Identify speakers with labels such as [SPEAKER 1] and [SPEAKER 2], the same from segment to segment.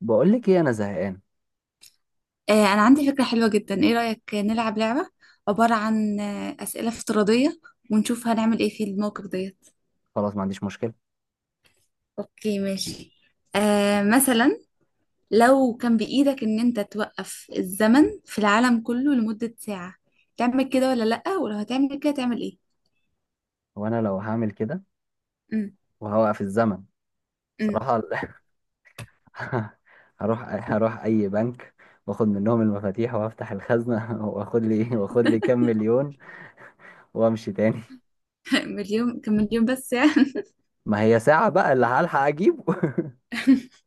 [SPEAKER 1] بقول لك ايه، انا زهقان.
[SPEAKER 2] أنا عندي فكرة حلوة جدا. إيه رأيك نلعب لعبة عبارة عن أسئلة افتراضية ونشوف هنعمل إيه في الموقف ديت؟
[SPEAKER 1] خلاص، ما عنديش مشكله.
[SPEAKER 2] أوكي ماشي. مثلا، لو كان بإيدك إن أنت توقف الزمن في العالم كله لمدة ساعة تعمل كده ولا لأ، ولو هتعمل كده تعمل إيه؟
[SPEAKER 1] وانا لو هعمل كده
[SPEAKER 2] أم،
[SPEAKER 1] وهوقف الزمن
[SPEAKER 2] أم.
[SPEAKER 1] صراحه، هروح اي بنك، واخد منهم المفاتيح وافتح الخزنه واخد لي كام مليون، وامشي تاني.
[SPEAKER 2] مليون كان مليون بس يعني.
[SPEAKER 1] ما هي ساعه بقى اللي هلحق اجيبه.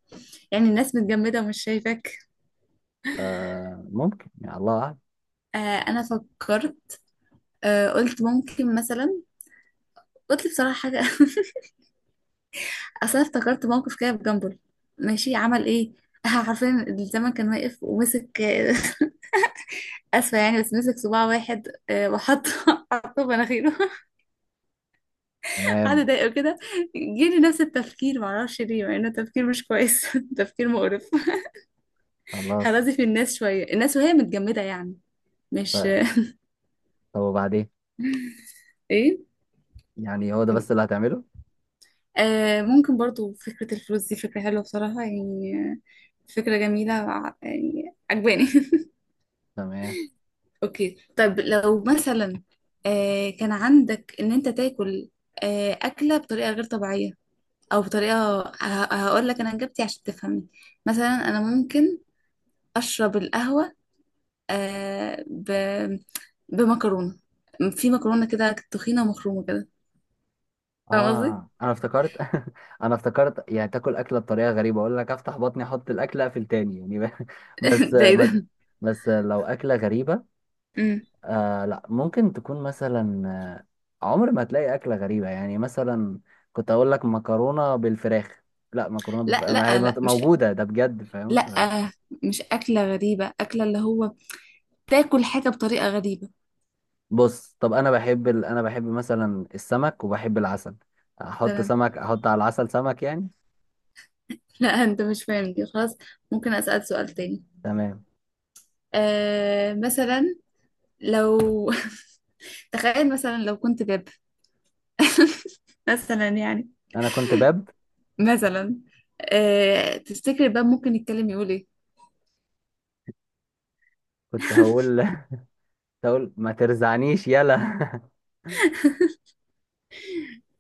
[SPEAKER 2] يعني الناس متجمدة ومش شايفاك؟
[SPEAKER 1] آه ممكن، يا الله أعلم.
[SPEAKER 2] آه. أنا فكرت، قلت ممكن مثلا، قلت بصراحة حاجة. اصل أنا افتكرت موقف كده في جنبل، ماشي عمل ايه. عارفين الزمن كان واقف ومسك اسفه يعني بس مسك صباع واحد، وحط حطه في مناخيره. قعد
[SPEAKER 1] تمام.
[SPEAKER 2] يضايقه كده، جيلي نفس التفكير، معرفش ليه، مع انه تفكير مش كويس. تفكير مقرف.
[SPEAKER 1] خلاص.
[SPEAKER 2] هرازي في الناس شويه، الناس وهي متجمده يعني. مش.
[SPEAKER 1] طيب، طب وبعدين؟
[SPEAKER 2] ايه.
[SPEAKER 1] يعني هو ده بس اللي هتعمله؟
[SPEAKER 2] ممكن برضو فكرة الفلوس دي فكرة حلوة بصراحة يعني فكرة جميلة يعني عجباني.
[SPEAKER 1] تمام.
[SPEAKER 2] اوكي طيب، لو مثلا كان عندك ان انت تاكل اكله بطريقه غير طبيعيه، او بطريقه هقول لك انا اجابتي عشان تفهمني. مثلا انا ممكن اشرب القهوه آه ب... بمكرونه، في مكرونه كده تخينه ومخرومه كده. فاهم قصدي؟
[SPEAKER 1] اه انا افتكرت. انا افتكرت يعني تاكل اكله بطريقه غريبه، اقول لك افتح بطني احط الاكله اقفل تاني يعني بس
[SPEAKER 2] ده ايه
[SPEAKER 1] مد...
[SPEAKER 2] ده؟
[SPEAKER 1] بس لو اكله غريبه.
[SPEAKER 2] مم.
[SPEAKER 1] لا، ممكن تكون مثلا، عمر ما هتلاقي اكله غريبه، يعني مثلا كنت اقول لك مكرونه بالفراخ، لا مكرونه
[SPEAKER 2] لا
[SPEAKER 1] بالفراخ ما هي
[SPEAKER 2] لا لا مش،
[SPEAKER 1] موجوده ده بجد، فاهم
[SPEAKER 2] لا مش اكله غريبه، اكله اللي هو تاكل حاجه بطريقه غريبه.
[SPEAKER 1] بص. طب انا بحب انا بحب مثلا السمك وبحب العسل، احط
[SPEAKER 2] تمام.
[SPEAKER 1] سمك احط على العسل سمك يعني.
[SPEAKER 2] لا انت مش فاهم دي، خلاص ممكن اسال سؤال تاني.
[SPEAKER 1] تمام،
[SPEAKER 2] مثلا لو تخيل مثلا لو كنت باب مثلا يعني،
[SPEAKER 1] انا كنت باب.
[SPEAKER 2] مثلا، تفتكر الباب ممكن يتكلم يقول ايه؟
[SPEAKER 1] كنت هقول تقول ما ترزعنيش يلا.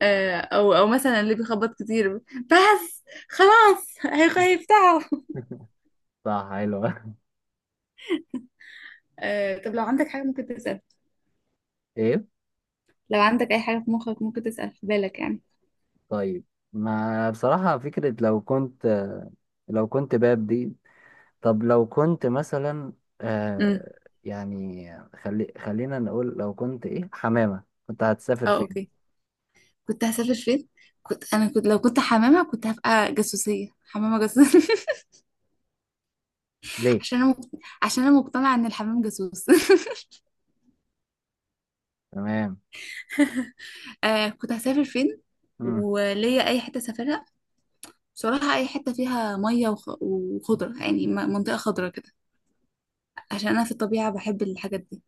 [SPEAKER 2] او مثلا اللي بيخبط كتير، بس خلاص هيفتحوا.
[SPEAKER 1] صح، حلوة.
[SPEAKER 2] طب لو عندك حاجة ممكن تسأل،
[SPEAKER 1] ايه؟
[SPEAKER 2] لو عندك اي حاجة في مخك ممكن تسأل في بالك يعني.
[SPEAKER 1] طيب، ما بصراحة فكرة لو كنت، لو كنت باب دي. طب لو كنت مثلا،
[SPEAKER 2] امم.
[SPEAKER 1] يعني خلينا نقول لو كنت ايه، حمامة، كنت هتسافر
[SPEAKER 2] اه
[SPEAKER 1] فين؟
[SPEAKER 2] اوكي. كنت هسافر فين، كنت انا كنت لو كنت حمامة كنت هبقى جاسوسية، حمامة جاسوسية.
[SPEAKER 1] ليه؟
[SPEAKER 2] عشان انا مقت- عشان انا مقتنعة ان الحمام جاسوس.
[SPEAKER 1] تمام.
[SPEAKER 2] كنت هسافر فين،
[SPEAKER 1] مم.
[SPEAKER 2] وليا اي حته سافرها. بصراحه اي حته فيها ميه وخضره يعني، منطقه خضره كده، عشان انا في الطبيعه بحب الحاجات دي.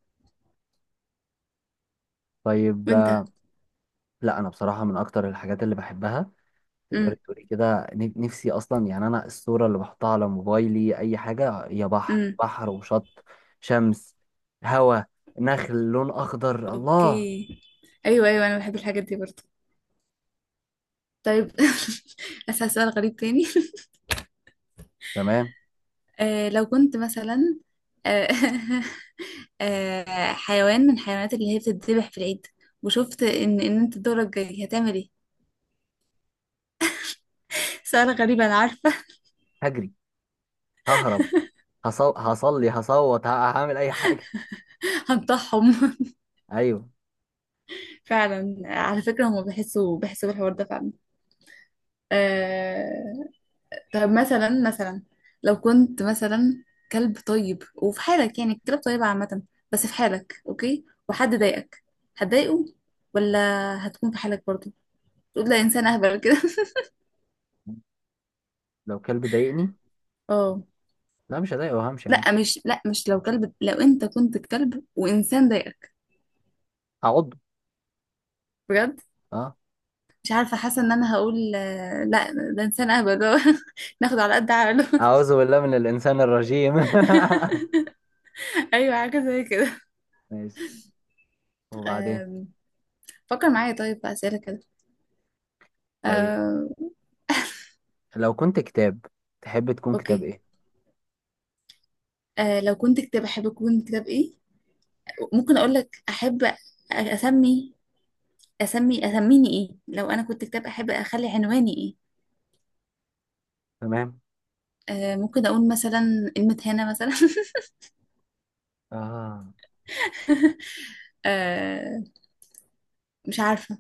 [SPEAKER 1] طيب،
[SPEAKER 2] وانت؟
[SPEAKER 1] لا انا بصراحة من اكتر الحاجات اللي بحبها، تقدري
[SPEAKER 2] امم.
[SPEAKER 1] تقولي كده، نفسي اصلا يعني، انا الصوره اللي بحطها على موبايلي اي حاجه هي بحر،
[SPEAKER 2] امم.
[SPEAKER 1] بحر وشط، شمس، هوا، نخل، لون اخضر، الله.
[SPEAKER 2] اوكي. ايوه ايوه، انا بحب الحاجات دي برضه. طيب، اسال سؤال غريب تاني.
[SPEAKER 1] تمام.
[SPEAKER 2] لو كنت مثلا آه حيوان من الحيوانات اللي هي بتتذبح في العيد، وشفت ان انت دورك جاي، هتعمل ايه؟ سؤال غريب انا عارفه.
[SPEAKER 1] هجري، ههرب، هصلي، هصوت، هعمل اي حاجه.
[SPEAKER 2] هنطحهم.
[SPEAKER 1] ايوه.
[SPEAKER 2] فعلا على فكرة هما بيحسوا، بالحوار ده فعلا. آه... طب مثلا، لو كنت مثلا كلب طيب وفي حالك، يعني الكلاب طيبة عامة، بس في حالك اوكي وحد ضايقك، هتضايقه ولا هتكون في حالك برضه، تقول لا انسان اهبل كده؟
[SPEAKER 1] لو كلب ضايقني،
[SPEAKER 2] اه.
[SPEAKER 1] لا مش هضايقه وهمشي عادي.
[SPEAKER 2] لا مش لو كلب، لو انت كنت كلب وانسان ضايقك،
[SPEAKER 1] هعضه،
[SPEAKER 2] بجد
[SPEAKER 1] اه.
[SPEAKER 2] مش عارفة، حاسة ان انا هقول لا ده انسان اهبل. ناخد على قد عقله.
[SPEAKER 1] اعوذ بالله من الانسان الرجيم.
[SPEAKER 2] ايوه حاجة زي
[SPEAKER 1] ماشي، وبعدين؟
[SPEAKER 2] كده. فكر معايا طيب في أسئلة كده.
[SPEAKER 1] طيب
[SPEAKER 2] آه،
[SPEAKER 1] لو كنت كتاب، تحب تكون كتاب
[SPEAKER 2] أوكي.
[SPEAKER 1] ايه؟
[SPEAKER 2] لو كنت كتاب أحب أكون كتاب إيه؟ ممكن أقول لك أحب أسمي، أسميني إيه لو أنا كنت كتاب، أحب أخلي عنواني إيه.
[SPEAKER 1] تمام.
[SPEAKER 2] ممكن أقول مثلا المتهانة مثلا.
[SPEAKER 1] اه،
[SPEAKER 2] آه، مش عارفة.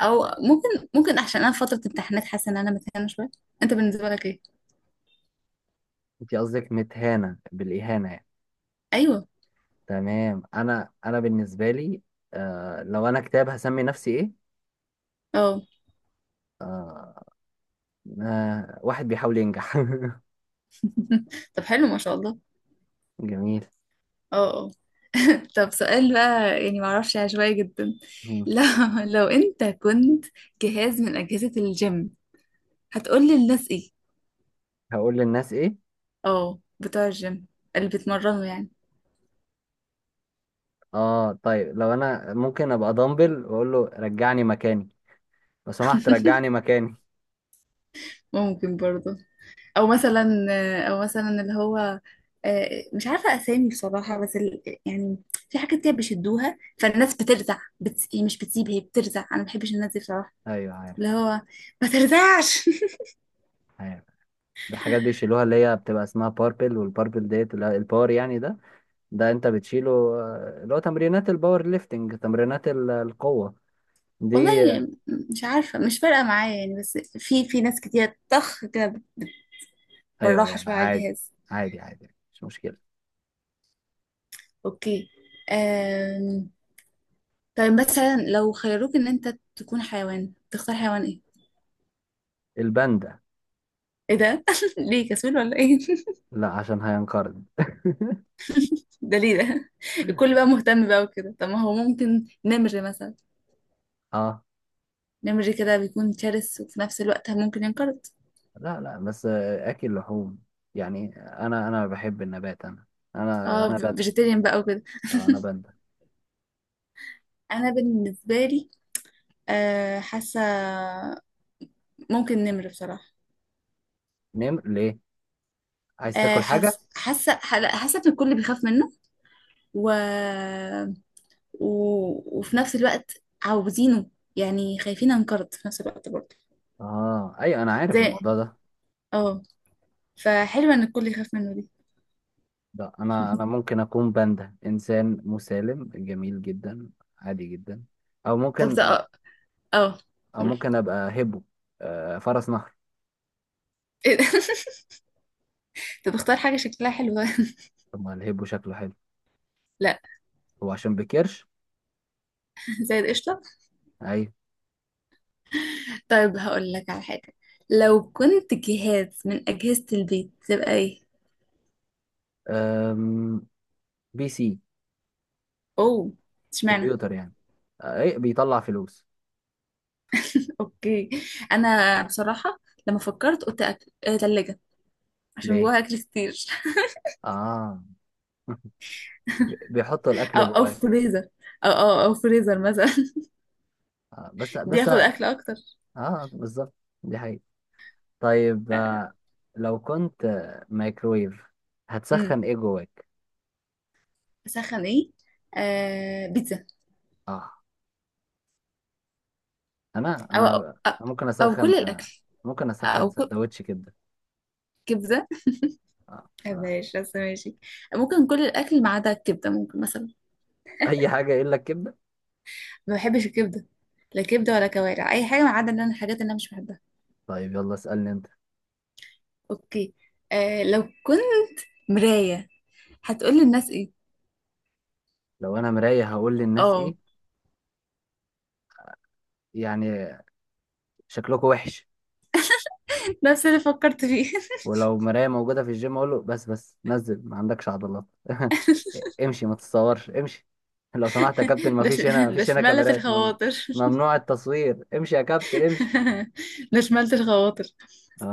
[SPEAKER 2] أو ممكن ممكن عشان أنا في فترة امتحانات حاسة إن أنا متهانة شوية. أنت بالنسبة لك إيه؟
[SPEAKER 1] انت قصدك متهانة بالإهانة يعني.
[SPEAKER 2] أيوه.
[SPEAKER 1] تمام، أنا بالنسبة لي، آه لو أنا كتاب هسمي نفسي إيه؟
[SPEAKER 2] أه.
[SPEAKER 1] آه، آه، واحد بيحاول ينجح.
[SPEAKER 2] طب حلو ما شاء الله.
[SPEAKER 1] جميل.
[SPEAKER 2] أه أه. طب سؤال بقى يعني معرفش، عشوائي جدا.
[SPEAKER 1] مم.
[SPEAKER 2] لو لو انت كنت جهاز من أجهزة الجيم، هتقولي الناس ايه؟
[SPEAKER 1] هقول للناس إيه؟
[SPEAKER 2] اه، بتوع الجيم، اللي بيتمرنوا يعني.
[SPEAKER 1] آه طيب، لو أنا ممكن أبقى دامبل وأقول له رجعني مكاني، لو سمحت رجعني مكاني.
[SPEAKER 2] ممكن برضه. او مثلا او مثلا اللي هو مش عارفة أسامي بصراحة، بس يعني في حاجات كده بيشدوها، فالناس بترزع هي مش بتسيب، هي بترزع. أنا ما بحبش الناس دي بصراحة.
[SPEAKER 1] أيوه
[SPEAKER 2] اللي
[SPEAKER 1] عارف،
[SPEAKER 2] هو ما ترزعش.
[SPEAKER 1] عارف. دي حاجات بيشيلوها اللي هي بتبقى اسمها باربل، والباربل ديت اللي هو الباور يعني، ده ده انت بتشيله، آه، اللي هو تمرينات الباور ليفتنج، تمرينات القوة
[SPEAKER 2] والله
[SPEAKER 1] دي.
[SPEAKER 2] مش عارفة، مش فارقة معايا يعني، بس في ناس كتير طخ كده،
[SPEAKER 1] ايوه
[SPEAKER 2] بالراحة
[SPEAKER 1] ايوه،
[SPEAKER 2] شوية على
[SPEAKER 1] عادي،
[SPEAKER 2] الجهاز.
[SPEAKER 1] عادي عادي مش مشكله.
[SPEAKER 2] اوكي. أم... طيب مثلا لو خيروك ان انت تكون حيوان، تختار حيوان ايه؟
[SPEAKER 1] الباندا.
[SPEAKER 2] ايه ده؟ ليه كسول ولا ايه؟
[SPEAKER 1] لا عشان هينقرض.
[SPEAKER 2] ده ليه ده؟ الكل بقى مهتم بقى وكده، طب ما هو ممكن نمر مثلا،
[SPEAKER 1] اه،
[SPEAKER 2] نمر كده بيكون شرس وفي نفس الوقت ممكن ينقرض.
[SPEAKER 1] لا لا، بس اكل لحوم، يعني انا بحب النبات،
[SPEAKER 2] اه،
[SPEAKER 1] انا باندا.
[SPEAKER 2] فيجيتيريان بقى وكده.
[SPEAKER 1] آه انا باندا.
[SPEAKER 2] انا بالنسبة لي أه، حاسة ممكن نمر بصراحة.
[SPEAKER 1] نم ليه؟ عايز
[SPEAKER 2] أه
[SPEAKER 1] تاكل
[SPEAKER 2] حاسة،
[SPEAKER 1] حاجه؟
[SPEAKER 2] لا، حاسة ان الكل بيخاف منه، و وفي نفس الوقت عاوزينه، يعني خايفين انقرض في نفس الوقت برضه.
[SPEAKER 1] اه ايوه انا عارف
[SPEAKER 2] زي،
[SPEAKER 1] الموضوع ده.
[SPEAKER 2] اه، فحلوة ان الكل يخاف منه دي.
[SPEAKER 1] لا، انا ممكن اكون باندا، انسان مسالم جميل جدا، عادي جدا. او
[SPEAKER 2] طب ده
[SPEAKER 1] ممكن،
[SPEAKER 2] اه، اه،
[SPEAKER 1] او
[SPEAKER 2] قول.
[SPEAKER 1] ممكن ابقى هبو، آه فرس نهر.
[SPEAKER 2] إيه ده؟ طب اختار حاجة شكلها حلو.
[SPEAKER 1] طب ما الهبو شكله حلو،
[SPEAKER 2] لا،
[SPEAKER 1] هو عشان بكرش.
[SPEAKER 2] زي القشطة. طيب هقول لك على حاجة، لو كنت جهاز من أجهزة البيت تبقى ايه؟
[SPEAKER 1] ايوه، بي سي.
[SPEAKER 2] اوه، اشمعنى.
[SPEAKER 1] كمبيوتر يعني، آه، ايه بيطلع فلوس.
[SPEAKER 2] اوكي. انا بصراحة، لما فكرت قلت أكل، تلاجة، عشان
[SPEAKER 1] ليه؟
[SPEAKER 2] جواها اكل كتير.
[SPEAKER 1] اه. بيحطوا الاكل
[SPEAKER 2] او
[SPEAKER 1] جواك.
[SPEAKER 2] فريزر، او فريزر مثلا.
[SPEAKER 1] آه بس بس
[SPEAKER 2] بياخد اكل اكتر.
[SPEAKER 1] اه بالظبط، دي حقيقة. طيب، آه لو كنت مايكرويف،
[SPEAKER 2] امم.
[SPEAKER 1] هتسخن ايه جواك؟
[SPEAKER 2] اسخن ايه؟ بيتزا.
[SPEAKER 1] اه،
[SPEAKER 2] او او,
[SPEAKER 1] انا ممكن
[SPEAKER 2] أو
[SPEAKER 1] اسخن،
[SPEAKER 2] كل الاكل،
[SPEAKER 1] ممكن اسخن
[SPEAKER 2] او كل،
[SPEAKER 1] سندوتش كبده،
[SPEAKER 2] كبده
[SPEAKER 1] اه
[SPEAKER 2] ما
[SPEAKER 1] بصراحه.
[SPEAKER 2] بحبهاش بس ماشي، ممكن كل الاكل ما عدا الكبده، ممكن مثلا،
[SPEAKER 1] اي حاجه الا الكبده.
[SPEAKER 2] ما بحبش الكبده، لا كبده ولا كوارع اي حاجه ما عدا ان انا الحاجات اللي انا مش بحبها.
[SPEAKER 1] طيب يلا اسالني انت.
[SPEAKER 2] اوكي. لو كنت مرايه هتقول للناس ايه؟
[SPEAKER 1] لو انا مرايه هقول للناس ايه؟
[SPEAKER 2] اه،
[SPEAKER 1] يعني شكلكوا وحش.
[SPEAKER 2] نفس اللي فكرت فيه.
[SPEAKER 1] ولو مراية موجودة في الجيم أقول له بس نزل ما عندكش عضلات. امشي، ما تتصورش، امشي، لو سمحت يا كابتن، ما
[SPEAKER 2] ده ش...
[SPEAKER 1] فيش هنا، ما
[SPEAKER 2] ده
[SPEAKER 1] فيش هنا
[SPEAKER 2] شمالة
[SPEAKER 1] كاميرات،
[SPEAKER 2] الخواطر.
[SPEAKER 1] ممنوع التصوير، امشي يا كابتن امشي.
[SPEAKER 2] ده شمالة الخواطر.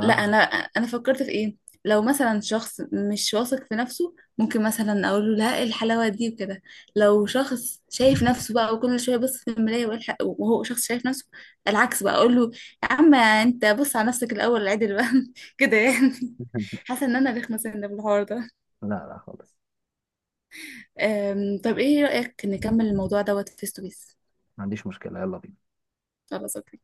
[SPEAKER 2] لا، انا فكرت في ايه. لو مثلا شخص مش واثق في نفسه، ممكن مثلا اقول له لا، إيه الحلاوه دي وكده. لو شخص شايف نفسه بقى، وكل شويه بص في المرايه وهو شخص شايف نفسه، العكس بقى اقول له يا عم انت، بص على نفسك الاول، عدل بقى. كده يعني. حاسه ان انا رخمه سنه في الحوار ده.
[SPEAKER 1] لا لا خالص.
[SPEAKER 2] طب ايه رايك نكمل الموضوع دوت فيس تو فيس؟
[SPEAKER 1] ما عنديش مشكلة، يلا بينا.
[SPEAKER 2] خلاص أوكي.